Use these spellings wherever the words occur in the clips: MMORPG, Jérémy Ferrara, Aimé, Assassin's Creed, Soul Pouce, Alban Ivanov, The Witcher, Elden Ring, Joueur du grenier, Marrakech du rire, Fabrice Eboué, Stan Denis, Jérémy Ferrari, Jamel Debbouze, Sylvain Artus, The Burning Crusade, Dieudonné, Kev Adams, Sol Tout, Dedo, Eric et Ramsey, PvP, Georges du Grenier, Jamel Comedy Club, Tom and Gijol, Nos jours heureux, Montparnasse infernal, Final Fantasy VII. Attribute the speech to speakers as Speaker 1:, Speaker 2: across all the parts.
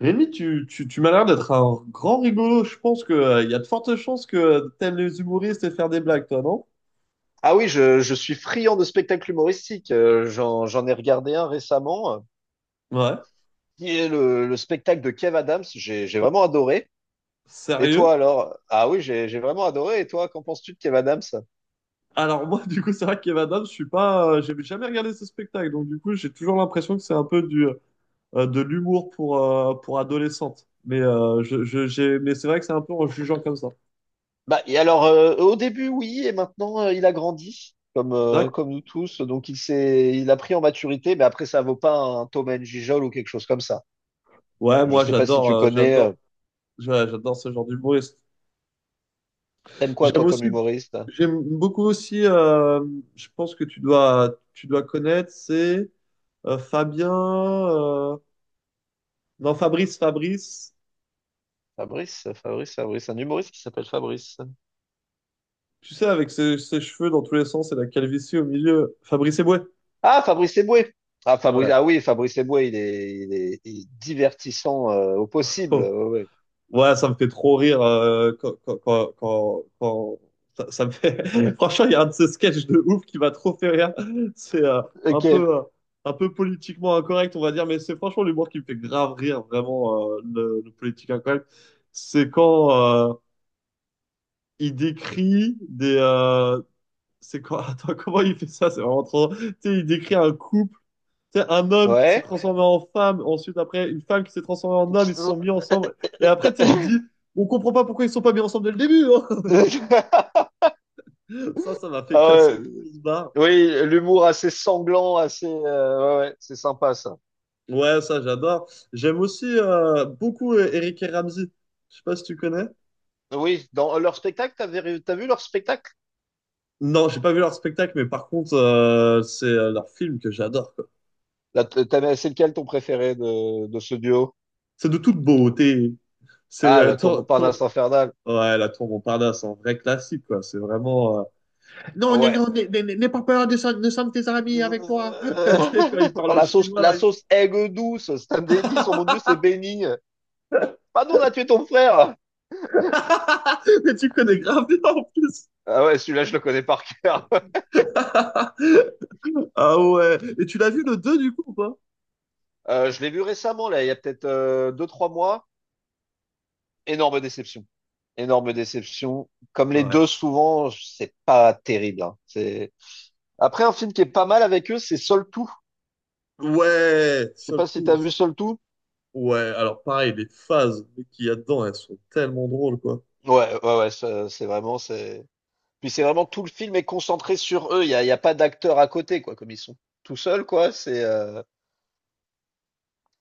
Speaker 1: Rémi, tu m'as l'air d'être un grand rigolo. Je pense que, il y a de fortes chances que t'aimes les humoristes et faire des blagues, toi, non?
Speaker 2: Ah oui, je suis friand de spectacles humoristiques. J'en ai regardé un récemment,
Speaker 1: Ouais.
Speaker 2: qui est le spectacle de Kev Adams. J'ai vraiment adoré. Et toi
Speaker 1: Sérieux?
Speaker 2: alors? Ah oui, j'ai vraiment adoré. Et toi, qu'en penses-tu de Kev Adams?
Speaker 1: Alors moi, du coup, c'est vrai qu'Evan Adams, je suis pas, j'ai jamais regardé ce spectacle, donc du coup, j'ai toujours l'impression que c'est un peu du, de l'humour pour adolescentes. Mais mais c'est vrai que c'est un peu en jugeant comme ça.
Speaker 2: Bah, et alors, au début, oui, et maintenant, il a grandi, comme,
Speaker 1: D'accord.
Speaker 2: comme nous tous. Donc, il a pris en maturité, mais après, ça vaut pas un Tom and Gijol ou quelque chose comme ça.
Speaker 1: Ouais,
Speaker 2: Je
Speaker 1: moi,
Speaker 2: sais pas si tu connais.
Speaker 1: j'adore, j'adore ce genre d'humoriste.
Speaker 2: T'aimes quoi,
Speaker 1: J'aime
Speaker 2: toi,
Speaker 1: aussi,
Speaker 2: comme humoriste?
Speaker 1: j'aime beaucoup aussi, je pense que tu dois connaître, c'est Fabien, non, Fabrice,
Speaker 2: Un humoriste qui s'appelle Fabrice.
Speaker 1: tu sais, avec ses cheveux dans tous les sens et la calvitie au milieu, Fabrice Eboué.
Speaker 2: Ah, Fabrice Eboué. Ah,
Speaker 1: Ouais.
Speaker 2: Fabrice Eboué, il est divertissant au possible. Ouais,
Speaker 1: Oh.
Speaker 2: ouais.
Speaker 1: Ouais, ça me fait trop rire ça me fait... Franchement, il y a un de ces sketchs de ouf qui m'a trop fait rire. C'est un
Speaker 2: Ok.
Speaker 1: peu, euh, un peu politiquement incorrect, on va dire, mais c'est franchement l'humour qui me fait grave rire, vraiment, le politique incorrect. C'est quand euh, il décrit des... c'est quand... Attends, comment il fait ça? C'est vraiment trop... Tu sais, il décrit un couple, tu sais, un homme qui s'est
Speaker 2: Ouais.
Speaker 1: transformé en femme, ensuite après une femme qui s'est transformée en homme, ils se sont mis ensemble. Et après, tu sais, il dit, on comprend pas pourquoi ils sont pas mis ensemble dès le début, hein. Ça m'a fait
Speaker 2: Ah
Speaker 1: casser
Speaker 2: ouais.
Speaker 1: une grosse barre.
Speaker 2: Oui, l'humour assez sanglant, assez, ouais, ouais, c'est sympa ça.
Speaker 1: Ouais, ça, j'adore. J'aime aussi beaucoup Eric et Ramsey. Je sais pas si tu connais.
Speaker 2: Oui, dans leur spectacle, t'as vu leur spectacle?
Speaker 1: Non, j'ai pas vu leur spectacle, mais par contre, c'est leur film que j'adore, quoi.
Speaker 2: C'est lequel ton préféré de ce duo?
Speaker 1: C'est de toute beauté. C'est
Speaker 2: Ah, le tour
Speaker 1: tour...
Speaker 2: Montparnasse infernal.
Speaker 1: Ouais, la tour Montparnasse, c'est un vrai classique, quoi. C'est vraiment... non, non,
Speaker 2: Ouais.
Speaker 1: non, n'aie pas peur, descends, descends tes amis avec toi. Tu sais, quand il parle
Speaker 2: Oh,
Speaker 1: au chinois,
Speaker 2: la
Speaker 1: là.
Speaker 2: sauce aigre douce, Stan Denis, oh mon Dieu, c'est béni. Pardon, on a tué ton frère.
Speaker 1: Mais tu connais grave bien en plus.
Speaker 2: Ah ouais, celui-là, je le connais par cœur.
Speaker 1: Ah ouais. Et tu l'as vu le 2 du coup ou pas?
Speaker 2: Je l'ai vu récemment, là, il y a peut-être deux, trois mois. Énorme déception. Énorme déception. Comme les
Speaker 1: Ouais.
Speaker 2: deux, souvent, c'est pas terrible, hein. C'est... Après, un film qui est pas mal avec eux, c'est Sol Tout.
Speaker 1: Ouais,
Speaker 2: Je sais
Speaker 1: Soul
Speaker 2: pas si t'as vu
Speaker 1: Pouce.
Speaker 2: Sol Tout.
Speaker 1: Ouais, alors pareil, les phases qu'il y a dedans, elles sont tellement drôles, quoi.
Speaker 2: Ouais, ouais, ouais, ça, c'est vraiment, c'est. Puis c'est vraiment tout le film est concentré sur eux. Il y a pas d'acteurs à côté, quoi, comme ils sont tout seuls, quoi. C'est,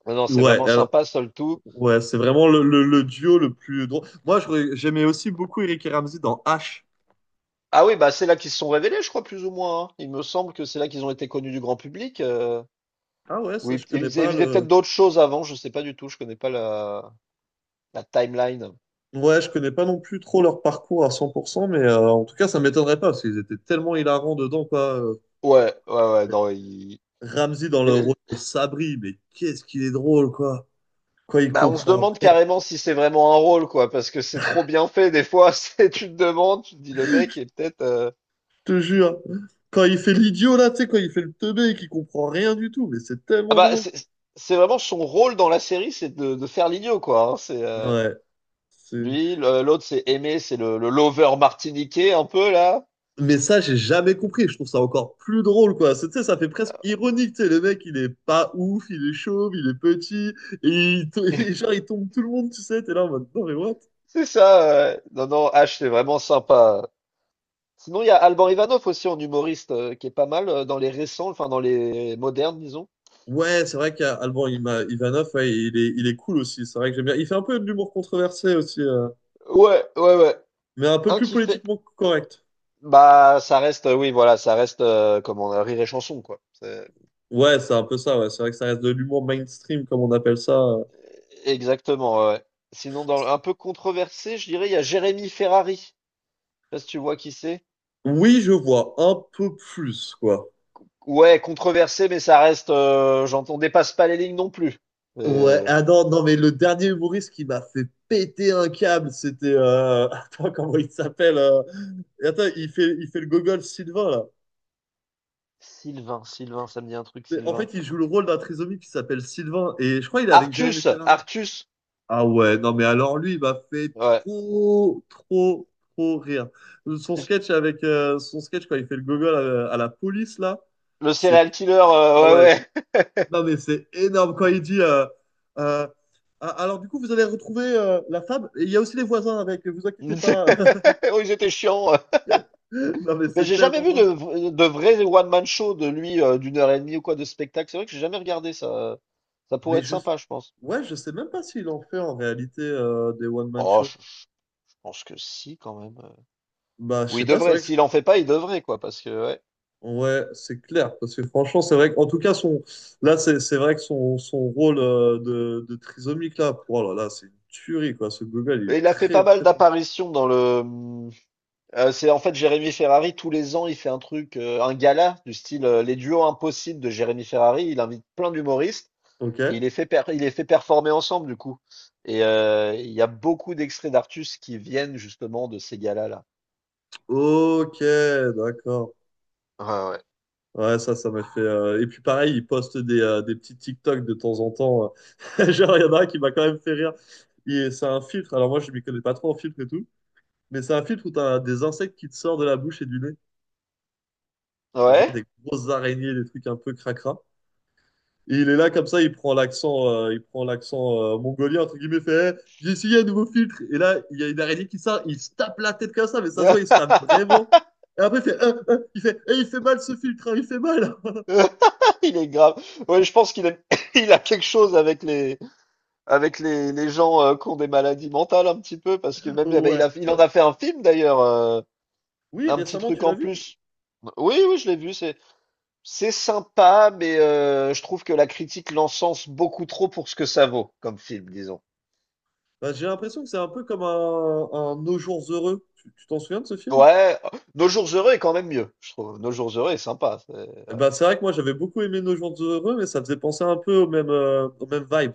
Speaker 2: non, non, c'est
Speaker 1: Ouais,
Speaker 2: vraiment
Speaker 1: elle-
Speaker 2: sympa, Sol Tout.
Speaker 1: ouais, c'est vraiment le, le duo le plus drôle. Moi, je j'aimais aussi beaucoup Eric et Ramzy dans H.
Speaker 2: Ah oui, bah c'est là qu'ils se sont révélés, je crois, plus ou moins, hein. Il me semble que c'est là qu'ils ont été connus du grand public.
Speaker 1: Ah ouais, ça,
Speaker 2: Oui,
Speaker 1: je connais
Speaker 2: ils
Speaker 1: pas,
Speaker 2: avaient peut-être
Speaker 1: le.
Speaker 2: d'autres choses avant, je sais pas du tout, je connais pas la timeline.
Speaker 1: Ouais, je connais pas non plus trop leur parcours à 100%, mais en tout cas, ça m'étonnerait pas, parce qu'ils étaient tellement hilarants dedans, quoi.
Speaker 2: Ouais, ouais, ouais, non, il-
Speaker 1: Ramsey dans le rôle
Speaker 2: les-
Speaker 1: de Sabri, mais qu'est-ce qu'il est drôle, quoi. Quand il
Speaker 2: bah, on se
Speaker 1: comprend,
Speaker 2: demande carrément si c'est vraiment un rôle, quoi, parce que c'est trop bien fait, des fois, c'est, tu te demandes, tu te dis, le mec est peut-être,
Speaker 1: je te jure. Quand il fait l'idiot, là, tu sais, quand il fait le teubé et qu'il comprend rien du tout, mais c'est
Speaker 2: ah
Speaker 1: tellement
Speaker 2: bah,
Speaker 1: drôle.
Speaker 2: c'est vraiment son rôle dans la série, c'est de faire l'idiot, quoi, hein, c'est,
Speaker 1: Ouais. c'est-
Speaker 2: lui, l'autre, c'est Aimé, c'est le lover martiniquais, un peu, là,
Speaker 1: Mais ça, j'ai jamais compris. Je trouve ça encore plus drôle, quoi. C'est- tu sais, ça fait presque ironique, tu sais. Le mec, il est pas ouf, il est chauve, il est petit, et, et genre, il tombe tout le monde, tu sais. T'es là en mode, non, mais what?
Speaker 2: c'est ça, non, non, H, c'est vraiment sympa. Sinon, il y a Alban Ivanov aussi en humoriste qui est pas mal dans les récents, enfin dans les modernes, disons.
Speaker 1: Ouais, c'est vrai qu'Ivanov, ouais, il est cool aussi. C'est vrai que j'aime bien. Il fait un peu de l'humour controversé aussi,
Speaker 2: Ouais, ouais, ouais.
Speaker 1: mais un peu
Speaker 2: Un
Speaker 1: plus
Speaker 2: qui fait.
Speaker 1: politiquement correct.
Speaker 2: Bah, ça reste, oui, voilà, ça reste comment rire et chanson, quoi. C'est-
Speaker 1: Ouais, c'est un peu ça. Ouais. C'est vrai que ça reste de l'humour mainstream, comme on appelle ça.
Speaker 2: Exactement, ouais, ouais. Sinon, dans un peu controversé, je dirais, il y a Jérémy Ferrari. Je sais pas si tu vois qui c'est.
Speaker 1: Oui, je vois un peu plus, quoi.
Speaker 2: Ouais, controversé, mais ça reste. J'entends, on dépasse pas les lignes non plus.
Speaker 1: Ouais,
Speaker 2: Euh,
Speaker 1: ah non, non, mais le dernier humoriste qui m'a fait péter un câble, c'était... Attends, comment il s'appelle et attends, il fait le gogol Sylvain, là.
Speaker 2: Ça me dit un truc,
Speaker 1: En
Speaker 2: Sylvain.
Speaker 1: fait, il joue le rôle d'un trisomique qui s'appelle Sylvain, et je crois qu'il est avec Jérémy Ferrara.
Speaker 2: Artus.
Speaker 1: Ah ouais, non mais alors lui, il m'a fait
Speaker 2: Ouais.
Speaker 1: trop rire.
Speaker 2: J-
Speaker 1: Son sketch quand il fait le gogol à la police là,
Speaker 2: Le
Speaker 1: c'est
Speaker 2: serial killer,
Speaker 1: ah
Speaker 2: ouais,
Speaker 1: ouais,
Speaker 2: ouais.
Speaker 1: non mais c'est énorme quand il dit euh, ah, alors du coup vous avez retrouvé la femme et il y a aussi les voisins avec, vous inquiétez pas.
Speaker 2: Oui, c'était chiant.
Speaker 1: Non mais
Speaker 2: Mais
Speaker 1: c'est
Speaker 2: j'ai jamais
Speaker 1: tellement
Speaker 2: vu
Speaker 1: drôle.
Speaker 2: de vrai one-man show de lui d'une heure et demie ou quoi de spectacle. C'est vrai que j'ai jamais regardé ça. Ça pourrait
Speaker 1: Mais
Speaker 2: être
Speaker 1: je
Speaker 2: sympa, je pense.
Speaker 1: ouais, je sais même pas s'il en fait en réalité des one man show.
Speaker 2: Je pense que si, quand même.
Speaker 1: Bah je
Speaker 2: Oui,
Speaker 1: sais
Speaker 2: il
Speaker 1: pas, c'est
Speaker 2: devrait.
Speaker 1: vrai que
Speaker 2: S'il en fait pas, il devrait, quoi, parce que ouais.
Speaker 1: ouais, c'est clair, parce que franchement, c'est vrai qu'en tout cas, son, là, c'est vrai que son, son rôle de trisomique, là, pour, oh là là, c'est une tuerie, quoi. Ce Google, il
Speaker 2: Et
Speaker 1: est
Speaker 2: il a fait
Speaker 1: très,
Speaker 2: pas mal
Speaker 1: très bon.
Speaker 2: d'apparitions dans le. C'est en fait Jérémy Ferrari. Tous les ans, il fait un truc, un gala du style les duos impossibles de Jérémy Ferrari. Il invite plein d'humoristes. Et il
Speaker 1: Ok.
Speaker 2: les fait il les fait performer ensemble, du coup. Et il y a beaucoup d'extraits d'Artus qui viennent justement de ces galas-là.
Speaker 1: Ok, d'accord.
Speaker 2: Ouais,
Speaker 1: Ouais, ça m'a fait... et puis, pareil, il poste des petits TikTok de temps en temps. Genre, il y en a un qui m'a quand même fait rire. Et c'est un filtre. Alors, moi, je m'y connais pas trop en filtre et tout. Mais c'est un filtre où tu as des insectes qui te sortent de la bouche et du nez. Genre,
Speaker 2: ouais.
Speaker 1: des grosses araignées, des trucs un peu cracra. Et il est là comme ça, il prend l'accent mongolien entre guillemets, fait eh, j'ai essayé un nouveau filtre. Et là, il y a une araignée qui sort, il se tape la tête comme ça, mais ça se
Speaker 2: Ouais?
Speaker 1: voit, il se tape vraiment. Et après, ah, ah il fait, eh, il fait mal ce filtre, hein, il fait mal.
Speaker 2: Il est grave. Ouais, je pense il a quelque chose avec les, les gens qui ont des maladies mentales un petit peu, parce que même, eh ben,
Speaker 1: Ouais.
Speaker 2: il en a fait un film d'ailleurs,
Speaker 1: Oui,
Speaker 2: un petit
Speaker 1: récemment,
Speaker 2: truc
Speaker 1: tu l'as
Speaker 2: en
Speaker 1: vu?
Speaker 2: plus. Oui, oui, je l'ai vu, c'est sympa, mais je trouve que la critique l'encense beaucoup trop pour ce que ça vaut comme film, disons.
Speaker 1: Bah, j'ai l'impression que c'est un peu comme un Nos jours heureux. Tu t'en souviens de ce film?
Speaker 2: Ouais, Nos jours heureux est quand même mieux, je trouve. Nos jours heureux est sympa. C'est-
Speaker 1: Eh ben, c'est vrai que moi, j'avais beaucoup aimé Nos jours heureux, mais ça faisait penser un peu aux mêmes vibes.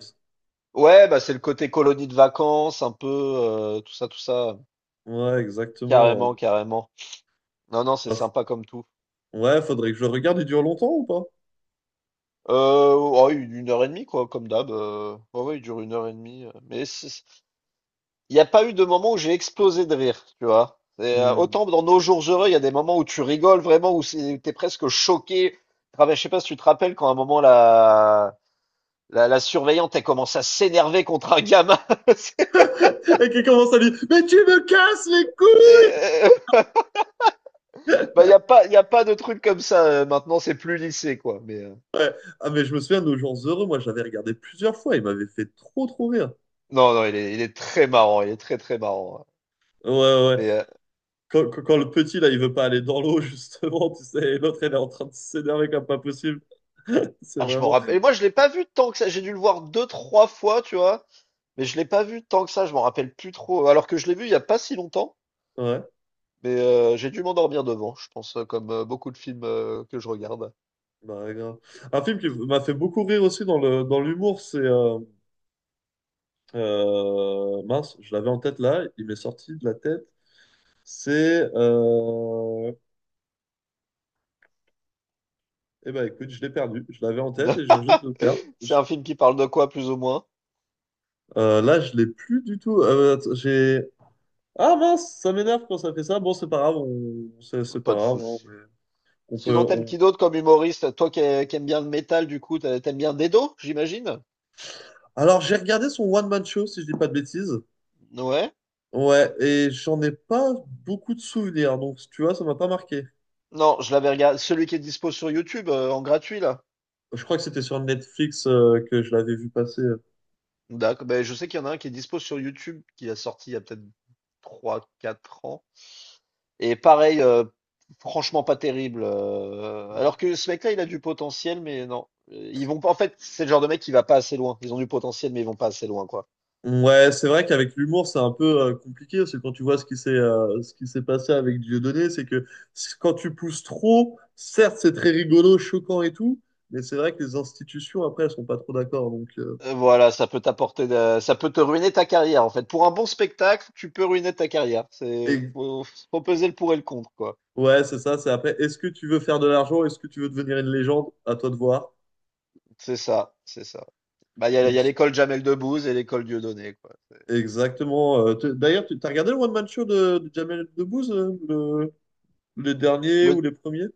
Speaker 2: Ouais, bah c'est le côté colonie de vacances, un peu tout ça, tout ça.
Speaker 1: Ouais, exactement, ouais.
Speaker 2: Carrément, carrément. Non, non, c'est
Speaker 1: Bah, f-
Speaker 2: sympa comme tout.
Speaker 1: ouais, faudrait que je le regarde. Il dure longtemps ou pas?
Speaker 2: Ouais, une heure et demie quoi, comme d'hab. Ouais, ouais, il dure une heure et demie. Mais c'est- il n'y a pas eu de moment où j'ai explosé de rire, tu vois. C'est,
Speaker 1: Hmm.
Speaker 2: autant dans Nos jours heureux, il y a des moments où tu rigoles vraiment, où c'est- t'es presque choqué. Ah, mais je sais pas si tu te rappelles quand à un moment la surveillante elle commence à s'énerver contre un gamin.
Speaker 1: Et qui commence à lui dire: mais tu me casses les couilles.
Speaker 2: Euh, bah, y a pas de truc comme ça, maintenant, c'est plus lycée, quoi. Mais
Speaker 1: Ouais. Ah, mais je me souviens, Nos Jours Heureux, moi j'avais regardé plusieurs fois, il m'avait fait trop trop rire.
Speaker 2: non, non, il est très marrant. Il est très, très marrant. Ouais.
Speaker 1: Ouais, ouais.
Speaker 2: Mais
Speaker 1: Quand le petit là, il veut pas aller dans l'eau, justement, tu sais, et l'autre, elle est en train de s'énerver comme pas possible. C'est
Speaker 2: ah, je m'en
Speaker 1: vraiment...
Speaker 2: rappelle. Et moi, je l'ai pas vu tant que ça. J'ai dû le voir deux, trois fois, tu vois. Mais je l'ai pas vu tant que ça. Je m'en rappelle plus trop. Alors que je l'ai vu il y a pas si longtemps.
Speaker 1: Ouais.
Speaker 2: Mais j'ai dû m'endormir devant, je pense, comme beaucoup de films que je regarde.
Speaker 1: Bah, ouais, grave. Un film qui m'a fait beaucoup rire aussi dans le, dans l'humour, c'est... mince, je l'avais en tête là, il m'est sorti de la tête. C'est... euh... Eh ben écoute, je l'ai perdu. Je l'avais en tête et je viens juste de le perdre.
Speaker 2: C'est un film qui parle de quoi, plus ou moins?
Speaker 1: Là, je l'ai plus du tout. J'ai... ah mince, ça m'énerve quand ça fait ça. Bon, c'est pas grave, on... c'est pas
Speaker 2: Pas de
Speaker 1: grave, hein,
Speaker 2: souci.
Speaker 1: mais
Speaker 2: Sinon, t'aimes
Speaker 1: on...
Speaker 2: qui d'autre comme humoriste? Toi qui aimes bien le métal, du coup, t'aimes bien Dedo, j'imagine?
Speaker 1: Alors, j'ai regardé son one-man show, si je dis pas de bêtises.
Speaker 2: Ouais.
Speaker 1: Ouais, et j'en ai pas beaucoup de souvenirs, donc tu vois, ça m'a pas marqué.
Speaker 2: Non, je l'avais regardé. Celui qui est dispo sur YouTube en gratuit là.
Speaker 1: Je crois que c'était sur Netflix que je l'avais vu passer.
Speaker 2: D'accord. Ben, je sais qu'il y en a un qui est dispo sur YouTube qui a sorti il y a peut-être trois, quatre ans. Et pareil, franchement pas terrible, alors que ce mec-là, il a du potentiel, mais non. Ils vont pas. En fait, c'est le genre de mec qui va pas assez loin. Ils ont du potentiel, mais ils vont pas assez loin, quoi.
Speaker 1: Ouais, c'est vrai qu'avec l'humour, c'est un peu compliqué. Parce que quand tu vois ce qui s'est passé avec Dieudonné, c'est que quand tu pousses trop, certes, c'est très rigolo, choquant et tout, mais c'est vrai que les institutions, après, elles sont pas trop d'accord. Donc,
Speaker 2: Voilà, ça peut te ruiner ta carrière en fait. Pour un bon spectacle, tu peux ruiner ta carrière.
Speaker 1: et,
Speaker 2: Faut peser le pour et le contre quoi.
Speaker 1: ouais, c'est ça. C'est après, est-ce que tu veux faire de l'argent? Est-ce que tu veux devenir une légende? À toi de voir.
Speaker 2: C'est ça, c'est ça. Bah il
Speaker 1: Donc,
Speaker 2: y a l'école Jamel Debbouze et l'école Dieudonné quoi.
Speaker 1: exactement. D'ailleurs, tu as regardé le One Man Show de Jamel Debbouze, le, les derniers ou
Speaker 2: Le,
Speaker 1: les premiers?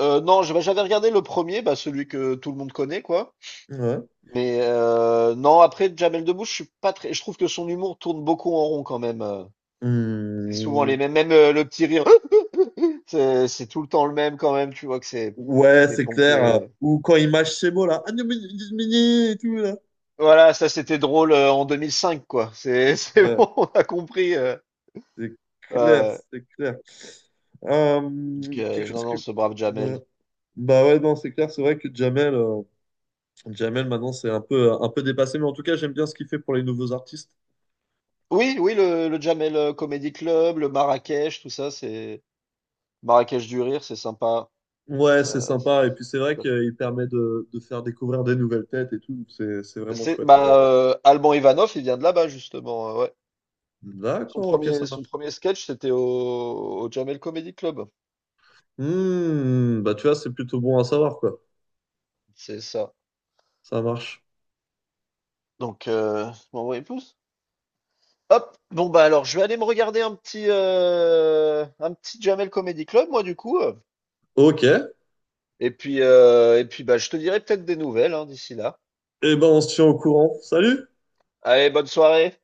Speaker 2: non, je- Bah, j'avais regardé le premier, bah celui que tout le monde connaît quoi.
Speaker 1: Ouais.
Speaker 2: Mais non, après Jamel Debbouze, je suis pas très, je trouve que son humour tourne beaucoup en rond quand même. C'est souvent les
Speaker 1: Hmm.
Speaker 2: mêmes, même le petit rire, c'est tout le temps le même quand même. Tu vois que
Speaker 1: Ouais,
Speaker 2: c'est
Speaker 1: c'est clair. Euh,
Speaker 2: pompé.
Speaker 1: ou quand il mâche ses mots, là. Ah, non, mais- et tout, là.
Speaker 2: Voilà, ça c'était drôle en 2005, quoi. C'est c'est
Speaker 1: Ouais,
Speaker 2: bon, on a compris.
Speaker 1: c'est clair,
Speaker 2: Euh,
Speaker 1: c'est clair. Euh,
Speaker 2: donc,
Speaker 1: quelque chose
Speaker 2: non,
Speaker 1: que...
Speaker 2: non, ce brave Jamel.
Speaker 1: ouais. Bah ouais, non, c'est clair. C'est vrai que Jamel, Jamel maintenant, c'est un peu dépassé. Mais en tout cas, j'aime bien ce qu'il fait pour les nouveaux artistes.
Speaker 2: Oui, oui, le Jamel Comedy Club, le Marrakech, tout ça, c'est Marrakech du rire, c'est sympa.
Speaker 1: Ouais, c'est
Speaker 2: Ça-
Speaker 1: sympa. Et puis, c'est vrai
Speaker 2: ça
Speaker 1: qu'il permet de faire découvrir des nouvelles têtes et tout. Donc c'est vraiment
Speaker 2: C'est
Speaker 1: chouette.
Speaker 2: bah Alban Ivanov, il vient de là-bas justement, ouais.
Speaker 1: D'accord, ok, ça
Speaker 2: Son
Speaker 1: marche.
Speaker 2: premier sketch, c'était au Jamel Comedy Club.
Speaker 1: Hmm, bah tu vois, c'est plutôt bon à savoir, quoi.
Speaker 2: C'est ça.
Speaker 1: Ça marche.
Speaker 2: Donc, m'envoyer plus. Hop, bon bah alors je vais aller me regarder un petit Jamel Comedy Club moi du coup. Euh.
Speaker 1: Ok,
Speaker 2: Et puis bah je te dirai peut-être des nouvelles hein, d'ici là.
Speaker 1: eh ben, on se tient au courant. Salut!
Speaker 2: Allez, bonne soirée.